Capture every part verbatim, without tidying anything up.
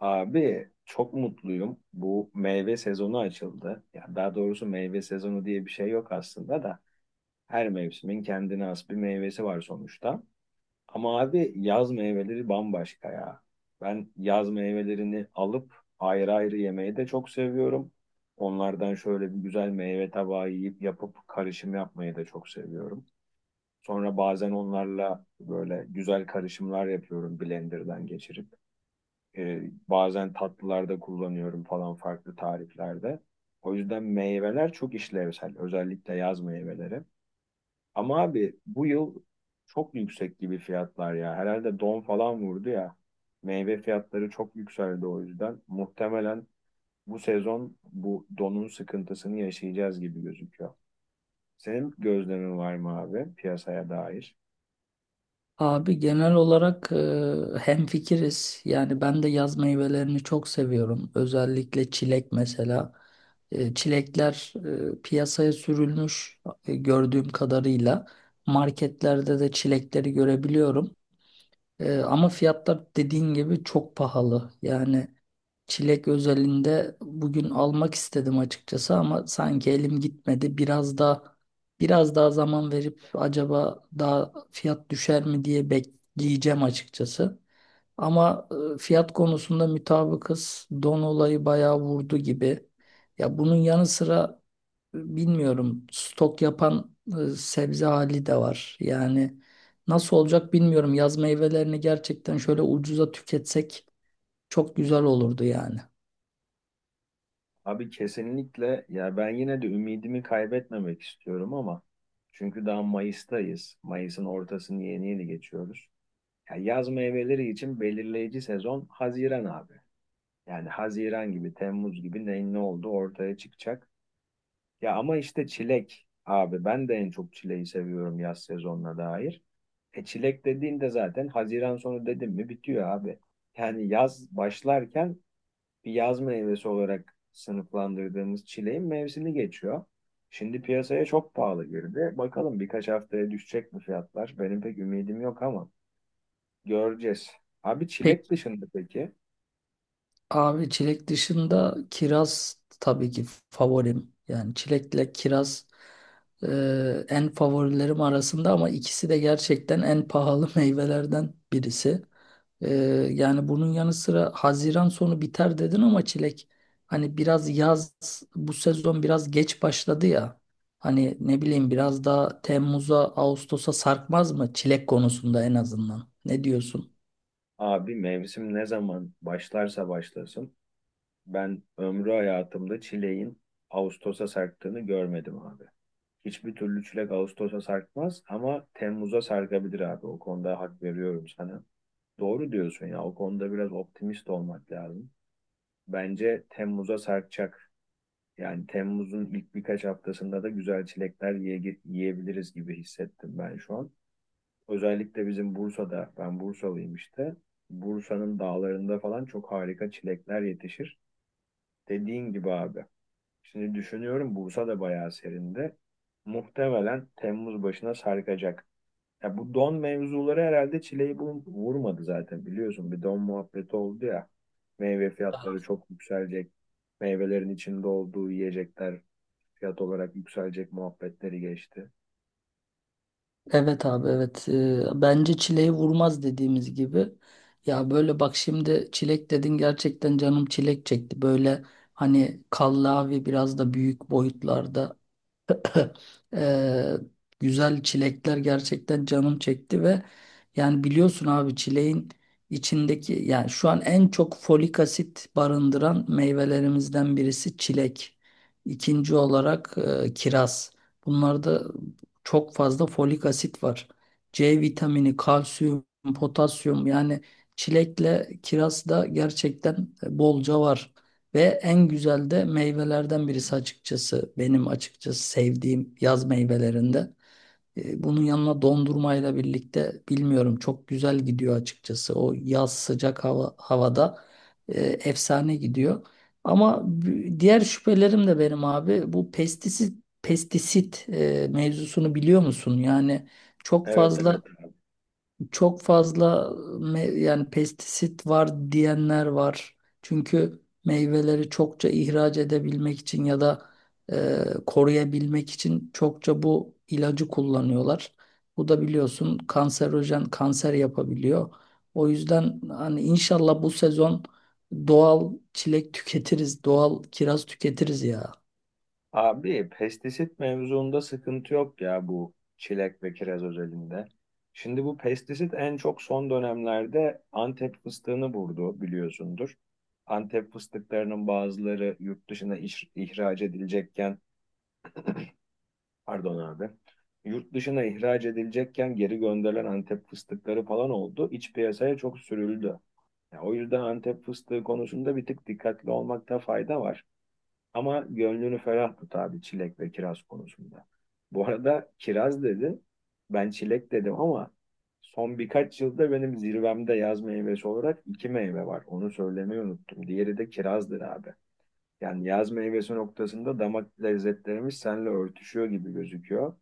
Abi çok mutluyum. Bu meyve sezonu açıldı. Ya daha doğrusu meyve sezonu diye bir şey yok aslında da her mevsimin kendine has bir meyvesi var sonuçta. Ama abi yaz meyveleri bambaşka ya. Ben yaz meyvelerini alıp ayrı ayrı yemeyi de çok seviyorum. Onlardan şöyle bir güzel meyve tabağı yiyip yapıp karışım yapmayı da çok seviyorum. Sonra bazen onlarla böyle güzel karışımlar yapıyorum blenderdan geçirip. E, Bazen tatlılarda kullanıyorum falan farklı tariflerde. O yüzden meyveler çok işlevsel. Özellikle yaz meyveleri. Ama abi bu yıl çok yüksek gibi fiyatlar ya. Herhalde don falan vurdu ya. Meyve fiyatları çok yükseldi o yüzden. Muhtemelen bu sezon bu donun sıkıntısını yaşayacağız gibi gözüküyor. Senin gözlemin var mı abi piyasaya dair? Abi genel olarak e, hemfikiriz. Yani ben de yaz meyvelerini çok seviyorum. Özellikle çilek mesela. E, çilekler e, piyasaya sürülmüş e, gördüğüm kadarıyla. Marketlerde de çilekleri görebiliyorum. E, ama fiyatlar dediğin gibi çok pahalı. Yani çilek özelinde bugün almak istedim açıkçası ama sanki elim gitmedi. Biraz da biraz daha zaman verip acaba daha fiyat düşer mi diye bekleyeceğim açıkçası. Ama e, fiyat konusunda mutabıkız. Don olayı bayağı vurdu gibi. Ya bunun yanı sıra e, bilmiyorum, stok yapan e, sebze hali de var. Yani nasıl olacak bilmiyorum. Yaz meyvelerini gerçekten şöyle ucuza tüketsek çok güzel olurdu yani. Abi kesinlikle ya ben yine de ümidimi kaybetmemek istiyorum ama çünkü daha Mayıs'tayız. Mayıs'ın ortasını yeni yeni geçiyoruz. Ya yaz meyveleri için belirleyici sezon Haziran abi. Yani Haziran gibi, Temmuz gibi neyin ne olduğu ortaya çıkacak. Ya ama işte çilek abi ben de en çok çileği seviyorum yaz sezonuna dair. E çilek dediğinde zaten Haziran sonu dedim mi bitiyor abi. Yani yaz başlarken bir yaz meyvesi olarak sınıflandırdığımız çileğin mevsimi geçiyor. Şimdi piyasaya çok pahalı girdi. Bakalım birkaç haftaya düşecek mi fiyatlar? Benim pek ümidim yok ama göreceğiz. Abi çilek Peki. dışında peki? Abi çilek dışında kiraz tabii ki favorim. Yani çilekle kiraz e, en favorilerim arasında ama ikisi de gerçekten en pahalı meyvelerden birisi. E, Yani bunun yanı sıra Haziran sonu biter dedin ama çilek hani biraz yaz, bu sezon biraz geç başladı ya. Hani ne bileyim, biraz daha Temmuz'a Ağustos'a sarkmaz mı çilek konusunda en azından? Ne diyorsun? Abi mevsim ne zaman başlarsa başlasın. Ben ömrü hayatımda çileğin Ağustos'a sarktığını görmedim abi. Hiçbir türlü çilek Ağustos'a sarkmaz ama Temmuz'a sarkabilir abi. O konuda hak veriyorum sana. Doğru diyorsun ya. O konuda biraz optimist olmak lazım. Bence Temmuz'a sarkacak. Yani Temmuz'un ilk birkaç haftasında da güzel çilekler yiye- yiyebiliriz gibi hissettim ben şu an. Özellikle bizim Bursa'da, ben Bursalıyım işte. Bursa'nın dağlarında falan çok harika çilekler yetişir. Dediğin gibi abi. Şimdi düşünüyorum Bursa da bayağı serinde. Muhtemelen Temmuz başına sarkacak. Ya bu don mevzuları herhalde çileyi bu- vurmadı zaten biliyorsun. Bir don muhabbeti oldu ya. Meyve fiyatları çok yükselecek. Meyvelerin içinde olduğu yiyecekler fiyat olarak yükselecek muhabbetleri geçti. Evet abi, evet. Ee, bence çileği vurmaz dediğimiz gibi. Ya böyle bak, şimdi çilek dedin, gerçekten canım çilek çekti böyle, hani kallavi, biraz da büyük boyutlarda, ee, güzel çilekler, gerçekten canım çekti. Ve yani biliyorsun abi, çileğin içindeki, yani şu an en çok folik asit barındıran meyvelerimizden birisi çilek. İkinci olarak e, kiraz. Bunlarda çok fazla folik asit var. C vitamini, kalsiyum, potasyum, yani çilekle kiraz da gerçekten e, bolca var. Ve en güzel de meyvelerden birisi açıkçası. Benim açıkçası sevdiğim yaz meyvelerinde. E, Bunun yanına dondurmayla birlikte, bilmiyorum, çok güzel gidiyor açıkçası. O yaz sıcak hava, havada e, efsane gidiyor. Ama b- diğer şüphelerim de benim abi, bu pestisit pestisit e, mevzusunu biliyor musun? Yani çok Evet, evet. fazla çok fazla me- yani pestisit var diyenler var. Çünkü meyveleri çokça ihraç edebilmek için ya da e, koruyabilmek için çokça bu ilacı kullanıyorlar. Bu da biliyorsun kanserojen, kanser yapabiliyor. O yüzden hani inşallah bu sezon doğal çilek tüketiriz, doğal kiraz tüketiriz ya. Abi Abi, pestisit mevzuunda sıkıntı yok ya bu çilek ve kiraz özelinde. Şimdi bu pestisit en çok son dönemlerde Antep fıstığını vurdu biliyorsundur. Antep fıstıklarının bazıları yurt dışına iş- ihraç edilecekken pardon abi. Yurt dışına ihraç edilecekken geri gönderilen Antep fıstıkları falan oldu. İç piyasaya çok sürüldü. Ya, o yüzden Antep fıstığı konusunda bir tık dikkatli olmakta fayda var. Ama gönlünü ferah tut abi çilek ve kiraz konusunda. Bu arada kiraz dedi, ben çilek dedim ama son birkaç yılda benim zirvemde yaz meyvesi olarak iki meyve var. Onu söylemeyi unuttum. Diğeri de kirazdır abi. Yani yaz meyvesi noktasında damak lezzetlerimiz seninle örtüşüyor gibi gözüküyor.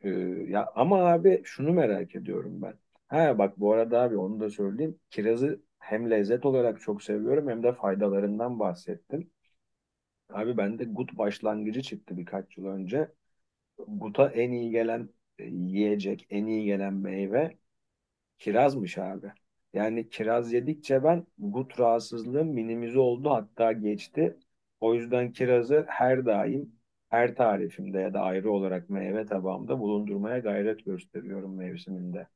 Ee, Ya ama abi şunu merak ediyorum ben. Ha bak bu arada abi onu da söyleyeyim. Kirazı hem lezzet olarak çok seviyorum hem de faydalarından bahsettim. Abi bende gut başlangıcı çıktı birkaç yıl önce. Guta en iyi gelen e, yiyecek, en iyi gelen meyve kirazmış abi. Yani kiraz yedikçe ben gut rahatsızlığım minimize oldu hatta geçti. O yüzden kirazı her daim her tarifimde ya da ayrı olarak meyve tabağımda bulundurmaya gayret gösteriyorum mevsiminde.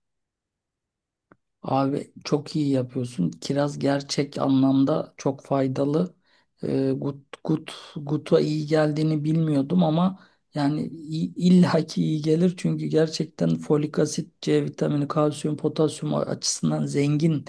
Abi çok iyi yapıyorsun. Kiraz gerçek anlamda çok faydalı. Ee, gut, gut, guta iyi geldiğini bilmiyordum ama yani i- illaki iyi gelir. Çünkü gerçekten folik asit, C vitamini, kalsiyum, potasyum açısından zengin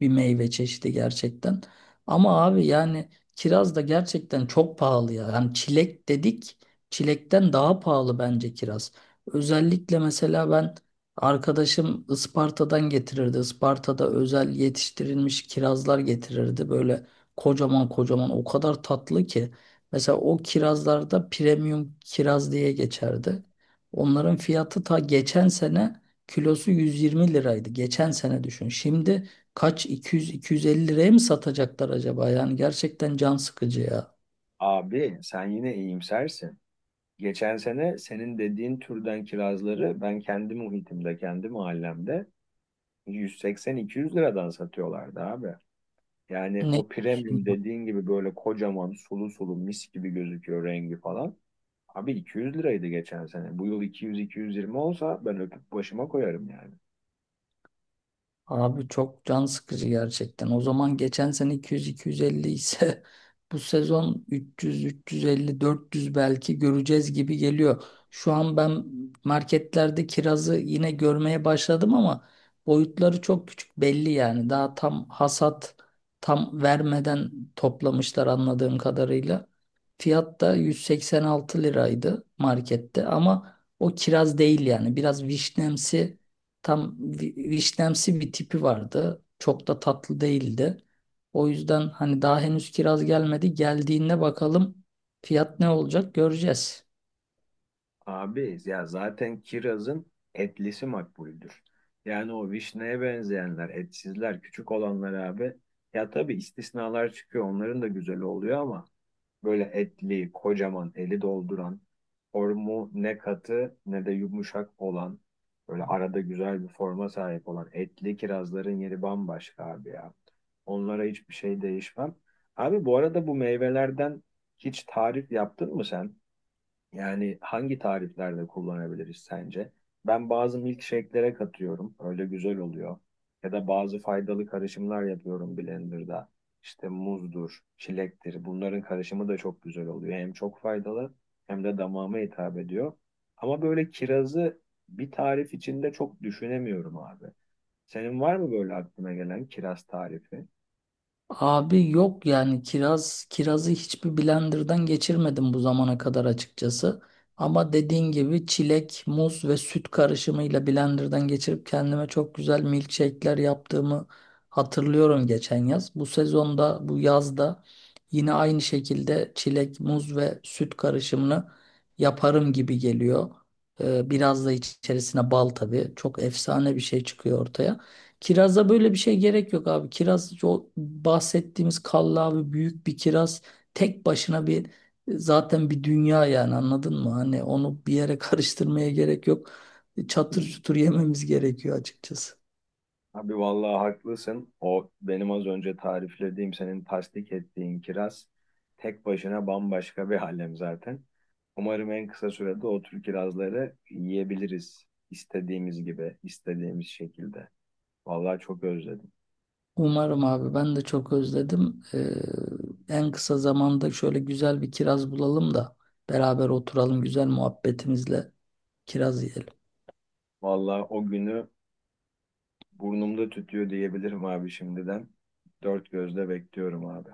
bir meyve çeşidi gerçekten. Ama abi yani kiraz da gerçekten çok pahalı ya. Yani çilek dedik, çilekten daha pahalı bence kiraz. Özellikle mesela ben, arkadaşım Isparta'dan getirirdi. Isparta'da özel yetiştirilmiş kirazlar getirirdi. Böyle kocaman kocaman, o kadar tatlı ki. Mesela o kirazlarda premium kiraz diye geçerdi. Onların fiyatı ta geçen sene kilosu yüz yirmi liraydı. Geçen sene düşün. Şimdi kaç, iki yüz iki yüz elli liraya mı satacaklar acaba? Yani gerçekten can sıkıcı ya. Abi sen yine iyimsersin. Geçen sene senin dediğin türden kirazları ben kendi muhitimde, kendi mahallemde yüz seksen iki yüz liradan satıyorlardı abi. Yani Ne? o premium dediğin gibi böyle kocaman sulu sulu mis gibi gözüküyor rengi falan. Abi iki yüz liraydı geçen sene. Bu yıl iki yüz iki yüz yirmi olsa ben öpüp başıma koyarım yani. Abi çok can sıkıcı gerçekten. O zaman geçen sene iki yüz iki yüz elli ise bu sezon üç yüz üç yüz elli-dört yüz belki göreceğiz gibi geliyor. Şu an ben marketlerde kirazı yine görmeye başladım ama boyutları çok küçük, belli yani. Daha tam hasat tam vermeden toplamışlar anladığım kadarıyla. Fiyat da yüz seksen altı liraydı markette ama o kiraz değil yani. Biraz vişnemsi, tam vi- vişnemsi bir tipi vardı. Çok da tatlı değildi. O yüzden hani daha henüz kiraz gelmedi. Geldiğinde bakalım fiyat ne olacak, göreceğiz. Abi ya zaten kirazın etlisi makbuldür. Yani o vişneye benzeyenler, etsizler, küçük olanlar abi. Ya tabii istisnalar çıkıyor. Onların da güzeli oluyor ama böyle etli, kocaman, eli dolduran, formu ne katı ne de yumuşak olan, böyle arada güzel bir forma sahip olan etli kirazların yeri bambaşka abi ya. Onlara hiçbir şey değişmem. Abi bu arada bu meyvelerden hiç tarif yaptın mı sen? Yani hangi tariflerde kullanabiliriz sence? Ben bazı milkshake'lere katıyorum. Öyle güzel oluyor. Ya da bazı faydalı karışımlar yapıyorum blenderda. İşte muzdur, çilektir. Bunların karışımı da çok güzel oluyor. Hem çok faydalı hem de damağıma hitap ediyor. Ama böyle kirazı bir tarif içinde çok düşünemiyorum abi. Senin var mı böyle aklına gelen kiraz tarifi? Abi yok yani kiraz kirazı hiçbir blenderdan geçirmedim bu zamana kadar açıkçası. Ama dediğin gibi çilek, muz ve süt karışımıyla blenderdan geçirip kendime çok güzel milkshake'ler yaptığımı hatırlıyorum geçen yaz. Bu sezonda, bu yazda yine aynı şekilde çilek, muz ve süt karışımını yaparım gibi geliyor. Ee, biraz da içerisine bal tabii. Çok efsane bir şey çıkıyor ortaya. Kirazda böyle bir şey gerek yok abi. Kiraz, o bahsettiğimiz kallavi büyük bir kiraz tek başına bir zaten bir dünya yani, anladın mı? Hani onu bir yere karıştırmaya gerek yok. Çatır çutur yememiz gerekiyor açıkçası. Abi vallahi haklısın. O benim az önce tariflediğim, senin tasdik ettiğin kiraz tek başına bambaşka bir alem zaten. Umarım en kısa sürede o tür kirazları yiyebiliriz istediğimiz gibi, istediğimiz şekilde. Vallahi çok özledim. Umarım abi, ben de çok özledim. Ee, en kısa zamanda şöyle güzel bir kiraz bulalım da beraber oturalım, güzel muhabbetimizle kiraz yiyelim. Vallahi o günü burnumda tütüyor diyebilirim abi şimdiden. Dört gözle bekliyorum abi.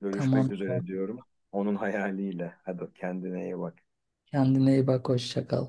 Görüşmek Tamam, tamam. üzere diyorum. Onun hayaliyle. Hadi kendine iyi bak. Kendine iyi bak, hoşça kal.